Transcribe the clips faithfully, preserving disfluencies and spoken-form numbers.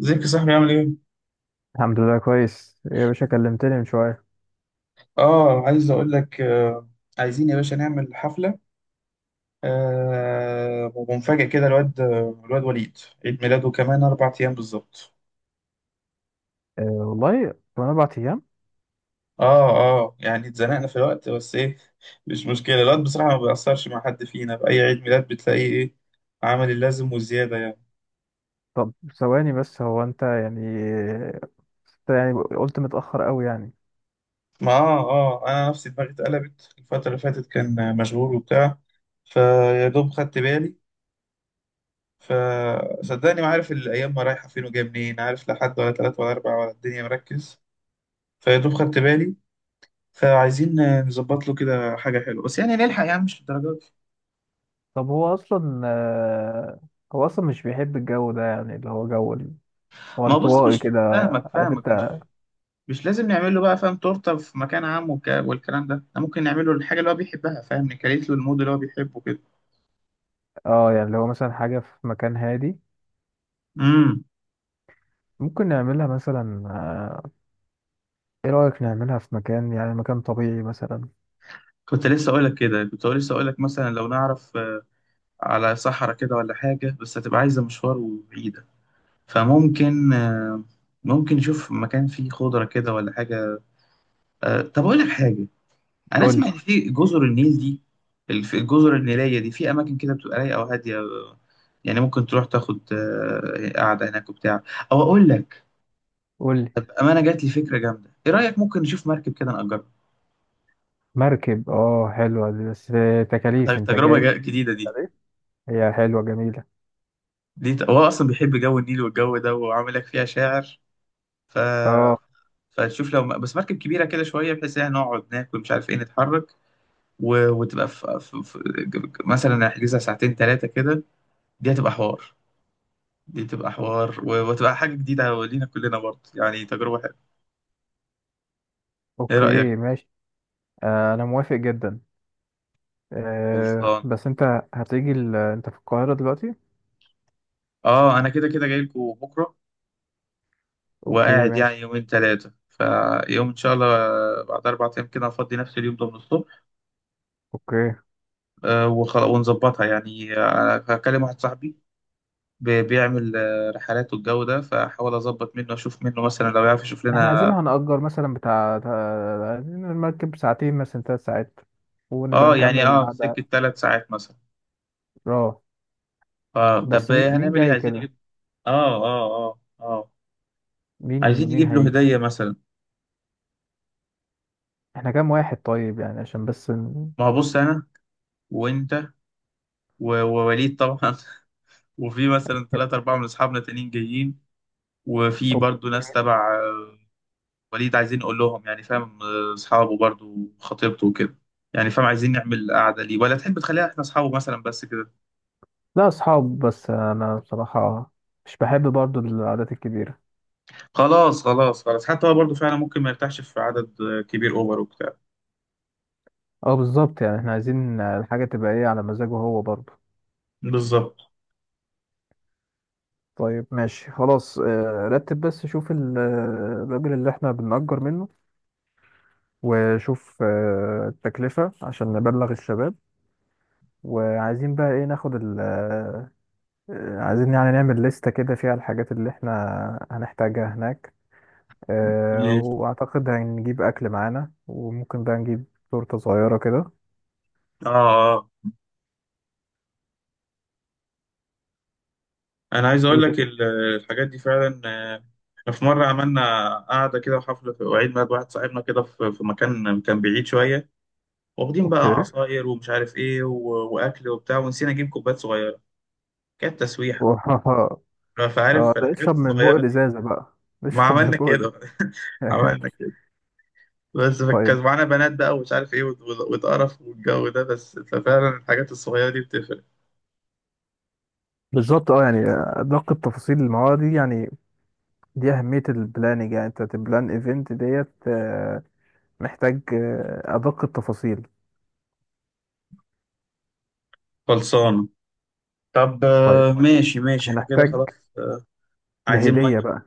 ازيك يا صاحبي عامل ايه؟ الحمد لله، كويس. إيه يا باشا، كلمتني من شوية؟ اه عايز اقول لك آه عايزين يا باشا نعمل حفلة. آه ومفاجأة كده الواد الواد وليد، عيد ميلاده كمان أربع أيام بالظبط. أه والله، كمان أربع أيام. اه اه يعني اتزنقنا في الوقت، بس ايه، مش مشكلة. الواد بصراحة ما بيأثرش مع حد فينا، في أي عيد ميلاد بتلاقيه ايه، عمل اللازم وزيادة يعني. طب، ثواني بس. هو أنت يعني أنت يعني قلت متأخر أوي يعني. ما اه اه أنا نفسي دماغي اتقلبت، الفترة اللي فاتت كان مشغول وبتاع، فيا دوب خدت بالي. فصدقني ما عارف الأيام ما رايحة فين وجاية منين، عارف، لا حد ولا تلاتة ولا أربعة ولا الدنيا مركز، فيا دوب خدت بالي. فعايزين نظبط له كده حاجة حلوة، بس يعني نلحق، يعني مش للدرجة دي. طب، هو أصلا آه، هو أصلا مش بيحب الجو ده، يعني اللي هو جو ال- هو ما هو بص، انطوائي مش كده، فاهمك عارف فاهمك. أنت؟ مش مش لازم نعمل له بقى، فاهم، تورتة في مكان عام والك- والكلام ده. احنا ممكن نعمل له الحاجة اللي هو بيحبها، فاهم، نكريت له المود اللي هو بيحبه كده. أه، يعني لو مثلا حاجة في مكان هادي، امم ممكن نعملها مثلا. آه، إيه رأيك نعملها في مكان، يعني مكان طبيعي مثلا؟ كنت لسه أقولك كده، كنت لسه أقولك مثلا لو نعرف آه، على صحراء كده ولا حاجة، بس هتبقى عايزة مشوار وبعيدة. فممكن، آه، ممكن نشوف مكان فيه خضرة كده ولا حاجة. آه، طب أقول لك حاجة، أنا قولي. أسمع إن في جزر النيل دي، الف- الجزر النيلية دي في أماكن كده بتبقى رايقة وهادية، آه، يعني ممكن تروح تاخد آه، قعدة هناك وبتاع. أو أقول لك، قولي. طب أمانة جات لي فكرة جامدة، إيه رأيك ممكن نشوف مركب كده نأجرها؟ مركب، أه، حلوة دي، بس طيب، تكاليف أنت تجربة جاي. جا- جديدة دي. بالتكاليف؟ هي حلوة، جميلة. دي ت- هو أصلا بيحب جو النيل والجو ده، وعامل لك فيها شاعر. ف... اه، فتشوف لو م- بس مركب كبيرة كده شوية، بحيث يعني نقعد ناكل مش عارف إيه، نتحرك، و... وتبقى في... في... في... مثلا احجزها ساعتين ثلاثة كده، دي هتبقى حوار. دي تبقى حوار، و... وتبقى حاجة جديدة لينا كلنا برضه، يعني تجربة حلوة. ايه رأيك؟ اوكي ماشي. آه، انا موافق جدا. آه، خلصان. بس انت هتيجي ال... انت في القاهرة دلوقتي؟ اه انا كده كده جاي لكم بكرة، اوكي، وقاعد يعني ماشي. يومين ثلاثة، فيوم ان شاء الله بعد اربع ايام كده هفضي، نفس اليوم ده من الصبح. اوكي. آه، وخلا- ونظبطها يعني، آه، هكلم واحد صاحبي بي- بيعمل آه، رحلات والجو ده، فحاول اظبط منه، اشوف منه مثلا لو يعرف يشوف احنا عايزين، لنا. هنأجر مثلا بتاع تا- عايزين المركب ساعتين، مثلا تلات ساعات، ونبقى اه يعني نكمل اه سكة القعدة. ثلاث ساعات مثلا. اه، اه بس طب مي- مين هنعمل ايه، جاي عايزين كده؟ نجيب، اه اه اه اه مين عايزين مين نجيب له هيجي؟ هدية مثلا. احنا كام واحد؟ طيب، يعني عشان بس ن... ما هو بص انا، وانت، و- ووليد طبعا، وفي مثلا ثلاثة أربعة من أصحابنا تانيين جايين، وفي أو... برضو ناس تبع آه، وليد، عايزين نقول لهم يعني، فاهم، آه، أصحابه برضو خطيبته وكده، يعني فاهم، عايزين نعمل قعدة ليه، ولا تحب تخليها احنا أصحابه مثلا بس كده؟ لا، اصحاب بس. انا بصراحة مش بحب برضو القعدات الكبيرة. خلاص خلاص خلاص، حتى هو برضو فعلا ممكن ما يرتاحش في عدد آه، كبير أوفر وبتاع. اه، بالظبط. يعني احنا عايزين الحاجة تبقى ايه على مزاجه هو برضو. بالظبط. طيب، ماشي، خلاص. آه، رتب، بس شوف ال- آه، الراجل اللي احنا بنأجر منه. وشوف آه، التكلفة، عشان نبلغ الشباب. وعايزين بقى ايه ناخد ال آه، آه، عايزين يعني نعمل لستة كده فيها الحاجات اللي احنا هنحتاجها هناك. آه، مم. واعتقد هنجيب اكل معانا، وممكن بقى نجيب تورتة صغيرة كده. اه انا عايز ايه اقول لك تاني؟ ال- الحاجات دي فعلا، آه، احنا في مره عملنا قعده كده وحفله في وعيد ميلاد واحد صاحبنا كده، في في مكان كان بعيد شويه، واخدين بقى اوكي. عصاير ومش عارف ايه و- واكل وبتاع، ونسينا نجيب كوبايات صغيره، كانت تسويحه. آه، فعارف الحاجات اشرب من بوق الصغيره دي، الازازة بقى. ما اشرب من عملنا بوق كده. الإزازة. عملنا كده، بس كان طيب. معانا بنات بقى ومش عارف ايه وت- وت- واتقرف والجو ده، بس ففعلا الحاجات الصغيره دي بتفرق. بالظبط، اه يعني آه، ادق التفاصيل، ما هو دي يعني. دي اهميه البلاننج، يعني انت تبلان ايفنت ديت، آه، محتاج آه، ادق التفاصيل. خلصانه. طب طيب. آه، ماشي ماشي، احنا كده هنحتاج خلاص. آه، عايزين الهديه بقى.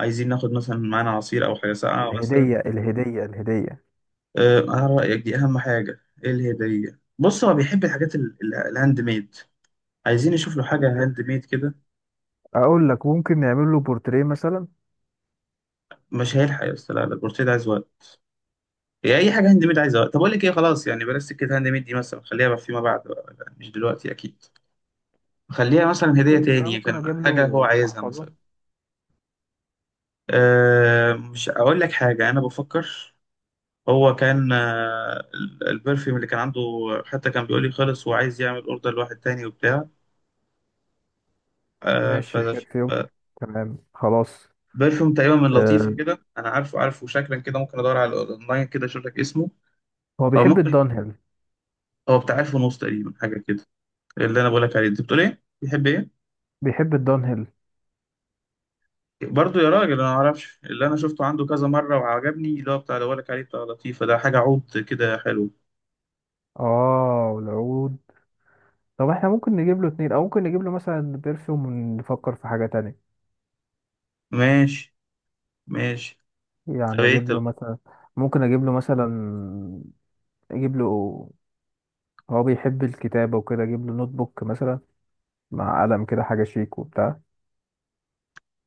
عايزين ناخد مثلا معانا عصير او حاجه ساقعه مثلا. الهديه. الهديه. الهديه. آه، انا رايك دي اهم حاجه، ايه الهديه، بص هو بيحب الحاجات ال- ال- الهاند ميد، عايزين نشوف له الهاند حاجه هاند ميد. ميد كده. اقول لك، ممكن نعمل له بورتريه مثلا. مش هيلحق يا اسطى، لا لا، البورتيه ده عايز وقت، هي اي حاجه هاند ميد عايز وقت. طب اقول لك ايه، خلاص يعني بلاش سكه هاند ميد دي، مثلا خليها بقى فيما بعد بقى، لا، مش دلوقتي اكيد. خليها مثلا هديه ممكن انا تاني، ممكن كان اجيب حاجه له هو عايزها محفظه. مثلا. أه مش اقول لك حاجه، انا بفكر، هو كان آه، ال- البرفيوم اللي كان عنده، حتى كان بيقول لي خلص وعايز يعمل اوردر لواحد تاني وبتاع، آه، ف- ماشي، ف- ببرفيوم. تمام، خلاص. برفيوم تقريبا من لطيفة آه، كده، أنا عارفه، عارفه شكلا كده، ممكن أدور على الأونلاين كده أشوف لك اسمه. هو أو بيحب ممكن، الدانهيل. هو بتاع ألف ونص تقريبا حاجة كده اللي أنا بقول لك عليه، أنت بتقول إيه؟ بيحب إيه؟ بيحب الدانهيل. برضه يا راجل أنا ما أعرفش، اللي أنا شفته عنده كذا مرة وعجبني اللي هو بتاع، اللي بقول لك عليه بتاع لطيفة ده، حاجة عود كده حلو. اه، والعود. طب احنا ممكن نجيب له اتنين، او ممكن نجيب له مثلا برفيوم ونفكر في حاجة تانية. ماشي ماشي. طب يعني إيه، اجيب له طب مثلا. ممكن اجيب له مثلا اجيب له هو بيحب الكتابة وكده. اجيب له نوت بوك مثلا، مع قلم كده، حاجة شيك وبتاع.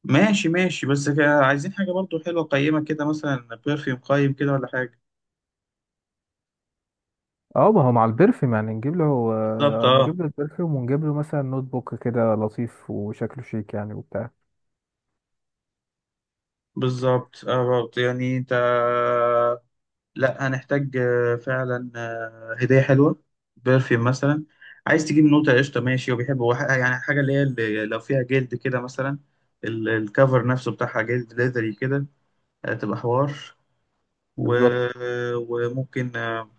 ماشي ماشي، بس كده عايزين حاجة برضه حلوة قيمة كده، مثلا برفيوم قيم كده ولا حاجة. اه، ما هو مع البرفيوم، يعني نجيب له بالظبط آه، أه، نجيب له البرفيوم، ونجيب له مثلا نوت بوك كده لطيف، وشكله شيك يعني وبتاع. بالظبط اه بالظبط يعني انت، لا هنحتاج آه، فعلا آه، هدية حلوة، برفيوم مثلا. عايز تجيب نوتة قشطة ماشي، وبيحب هو ح- يعني حاجة اللي هي اللي لو فيها جلد كده مثلا، ال- الكفر نفسه بتاعها جلد ليذري كده، هتبقى حوار. و... بالظبط. وممكن آه،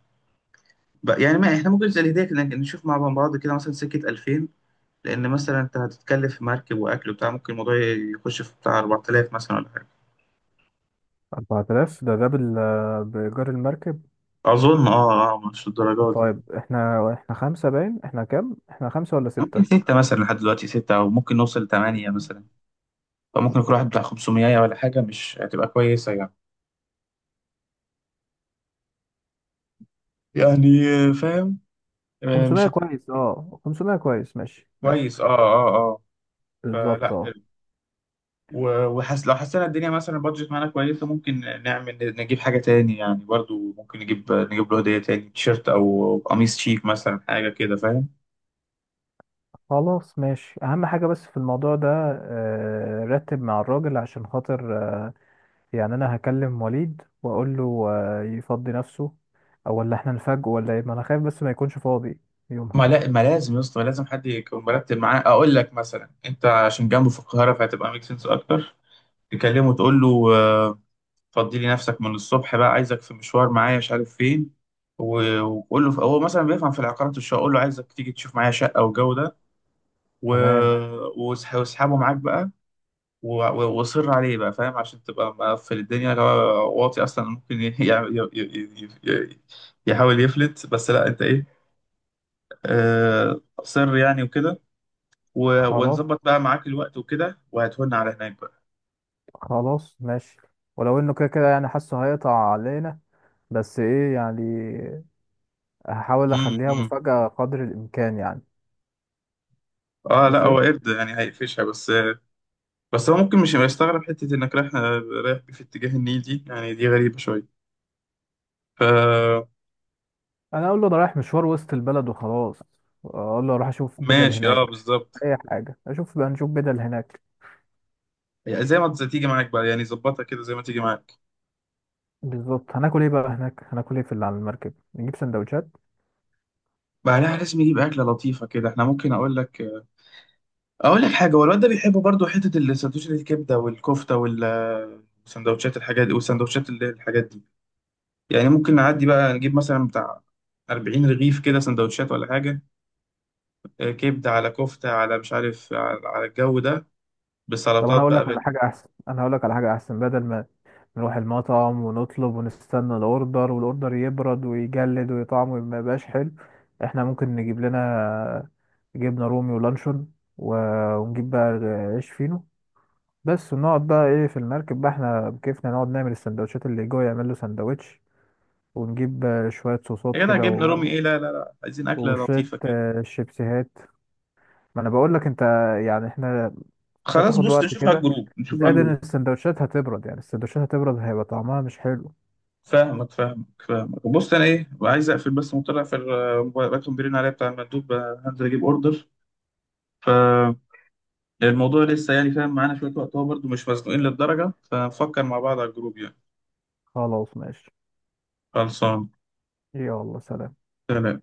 بقى- يعني ما احنا ممكن زي الهدية كده نشوف مع بعض، كده مثلا سكة ألفين، لأن مثلا أنت هتتكلف في مركب وأكل وبتاع، ممكن الموضوع يخش في بتاع أربع تلاف مثلا ولا حاجة. أربعة آلاف ده ده بال بإيجار المركب؟ أظن أه أه، مش الدرجات دي يعني. طيب، احنا احنا خمسة باين. احنا كام؟ احنا خمسة ولا ممكن ستة؟ ستة مثلا لحد دلوقتي ستة، أو ممكن نوصل لتمانية مثلا، فممكن يكون واحد بتاع خمسمية ولا حاجة، مش هتبقى كويسة يعني. يعني آه، فاهم، آه، خمسمية مش هتبقى كويس، اه، خمسمية كويس. ماشي، ماشي. كويس. اه اه اه بالظبط، فلا اه. حلو. و- وحس، لو حسينا الدنيا مثلا البادجت معانا كويسة، ممكن نعمل نجيب حاجة تاني يعني، برضو ممكن نجيب نجيب له هدية تاني، تيشيرت أو قميص شيك مثلا حاجة كده فاهم. خلاص، ماشي. اهم حاجة بس في الموضوع ده، آه، رتب مع الراجل عشان خاطر آه، يعني. انا هكلم وليد واقول له آه، يفضي نفسه. او ولا احنا نفاجئه، ولا ايه، ما انا خايف بس ما يكونش فاضي يومها. ما لا ما لازم يا اسطى، ما لازم حد يكون مرتب معاه. أقول لك مثلا أنت عشان جنبه في القاهرة، فهتبقى ميك سنس أكتر. تكلمه تقول له: فضي لي نفسك من الصبح بقى، عايزك في مشوار معايا مش عارف فين، و- وقول له، هو مثلا بيفهم في العقارات والشقه، قول له عايزك تيجي تشوف معايا شقه والجو ده، و... تمام، واسح- واسحبه معاك بقى، و- و- واصر عليه بقى فاهم، عشان تبقى مقفل الدنيا، لو هو واطي اصلا ممكن ي... يع- ي... ي... ي... ي... يحاول يفلت، بس لا انت ايه، آه... صر يعني وكده، و... خلاص. ونظبط بقى معاك الوقت وكده، وهتهون على هناك بقى. خلاص، ماشي. ولو انه كده كده يعني، حاسه هيقطع علينا، بس ايه يعني. هحاول اخليها امم مفاجأة قدر الامكان يعني. اه لا، ماشي. هو قرد يعني هيقفشها بس. بس هو ممكن مش هيبقى يستغرب حتة إنك رايح، رايح في اتجاه النيل دي، يعني دي غريبة شوية، ف انا اقول له ده رايح مشوار وسط البلد وخلاص. اقول له اروح اشوف بدل ماشي اه هناك. بالظبط. اي حاجه، اشوف بقى، نشوف بدل هناك. يعني زي ما، زي تيجي معاك بقى، يعني ظبطها كده زي ما تيجي معاك. بالظبط. هناكل ايه بقى هناك؟ هناكل ايه في اللي على المركب؟ نجيب سندوتشات. بعدها لازم يجيب أكلة لطيفة كده، احنا ممكن أقول لك، أقول لك حاجة، هو الواد ده بيحب برضو حتة السندوتشات، الكبدة والكفتة وال وسندوتشات الحاجات دي، وسندوتشات اللي هي الحاجات دي، يعني ممكن نعدي بقى نجيب مثلا بتاع 40 رغيف كده سندوتشات ولا حاجة، آه، كبدة على كفتة على مش عارف على، على الجو ده طب، انا بسلطات هقول بقى. لك على حاجه احسن انا هقول لك على حاجه احسن. بدل ما نروح المطعم ونطلب ونستنى الاوردر، والاوردر يبرد ويجلد ويطعمه ما يبقاش حلو. احنا ممكن نجيب لنا جبنه رومي ولانشون، و- ونجيب بقى عيش فينو. بس ونقعد بقى ايه في المركب بقى، احنا بكيفنا نقعد نعمل السندوتشات اللي جوه يعمل له سندوتش. ونجيب آه، شوية صوصات يا جدع كده، جبنه و... رومي ايه، لا لا لا، عايزين اكله وشوية لطيفه كده. آه، شيبسيهات. ما انا بقول لك انت، يعني احنا. انت خلاص هتاخد بص، وقت نشوف على كده، الجروب، نشوف على زائد ان الجروب السندوتشات هتبرد. يعني السندوتشات هتبرد، هيبقى طعمها مش حلو. فاهمك فاهمك فاهمك. بص انا ايه، عايز اقفل بس مطلع في الموبايل، بكتب بيرن عليا بتاع المندوب، آه، هنزل اجيب اوردر، فالموضوع لسه يعني فاهم، معانا شويه وقت، هو برضه مش مزنوقين للدرجه، فنفكر مع بعض على الجروب يعني. خلاص، ماشي. خلصان. يلا، سلام. سلام.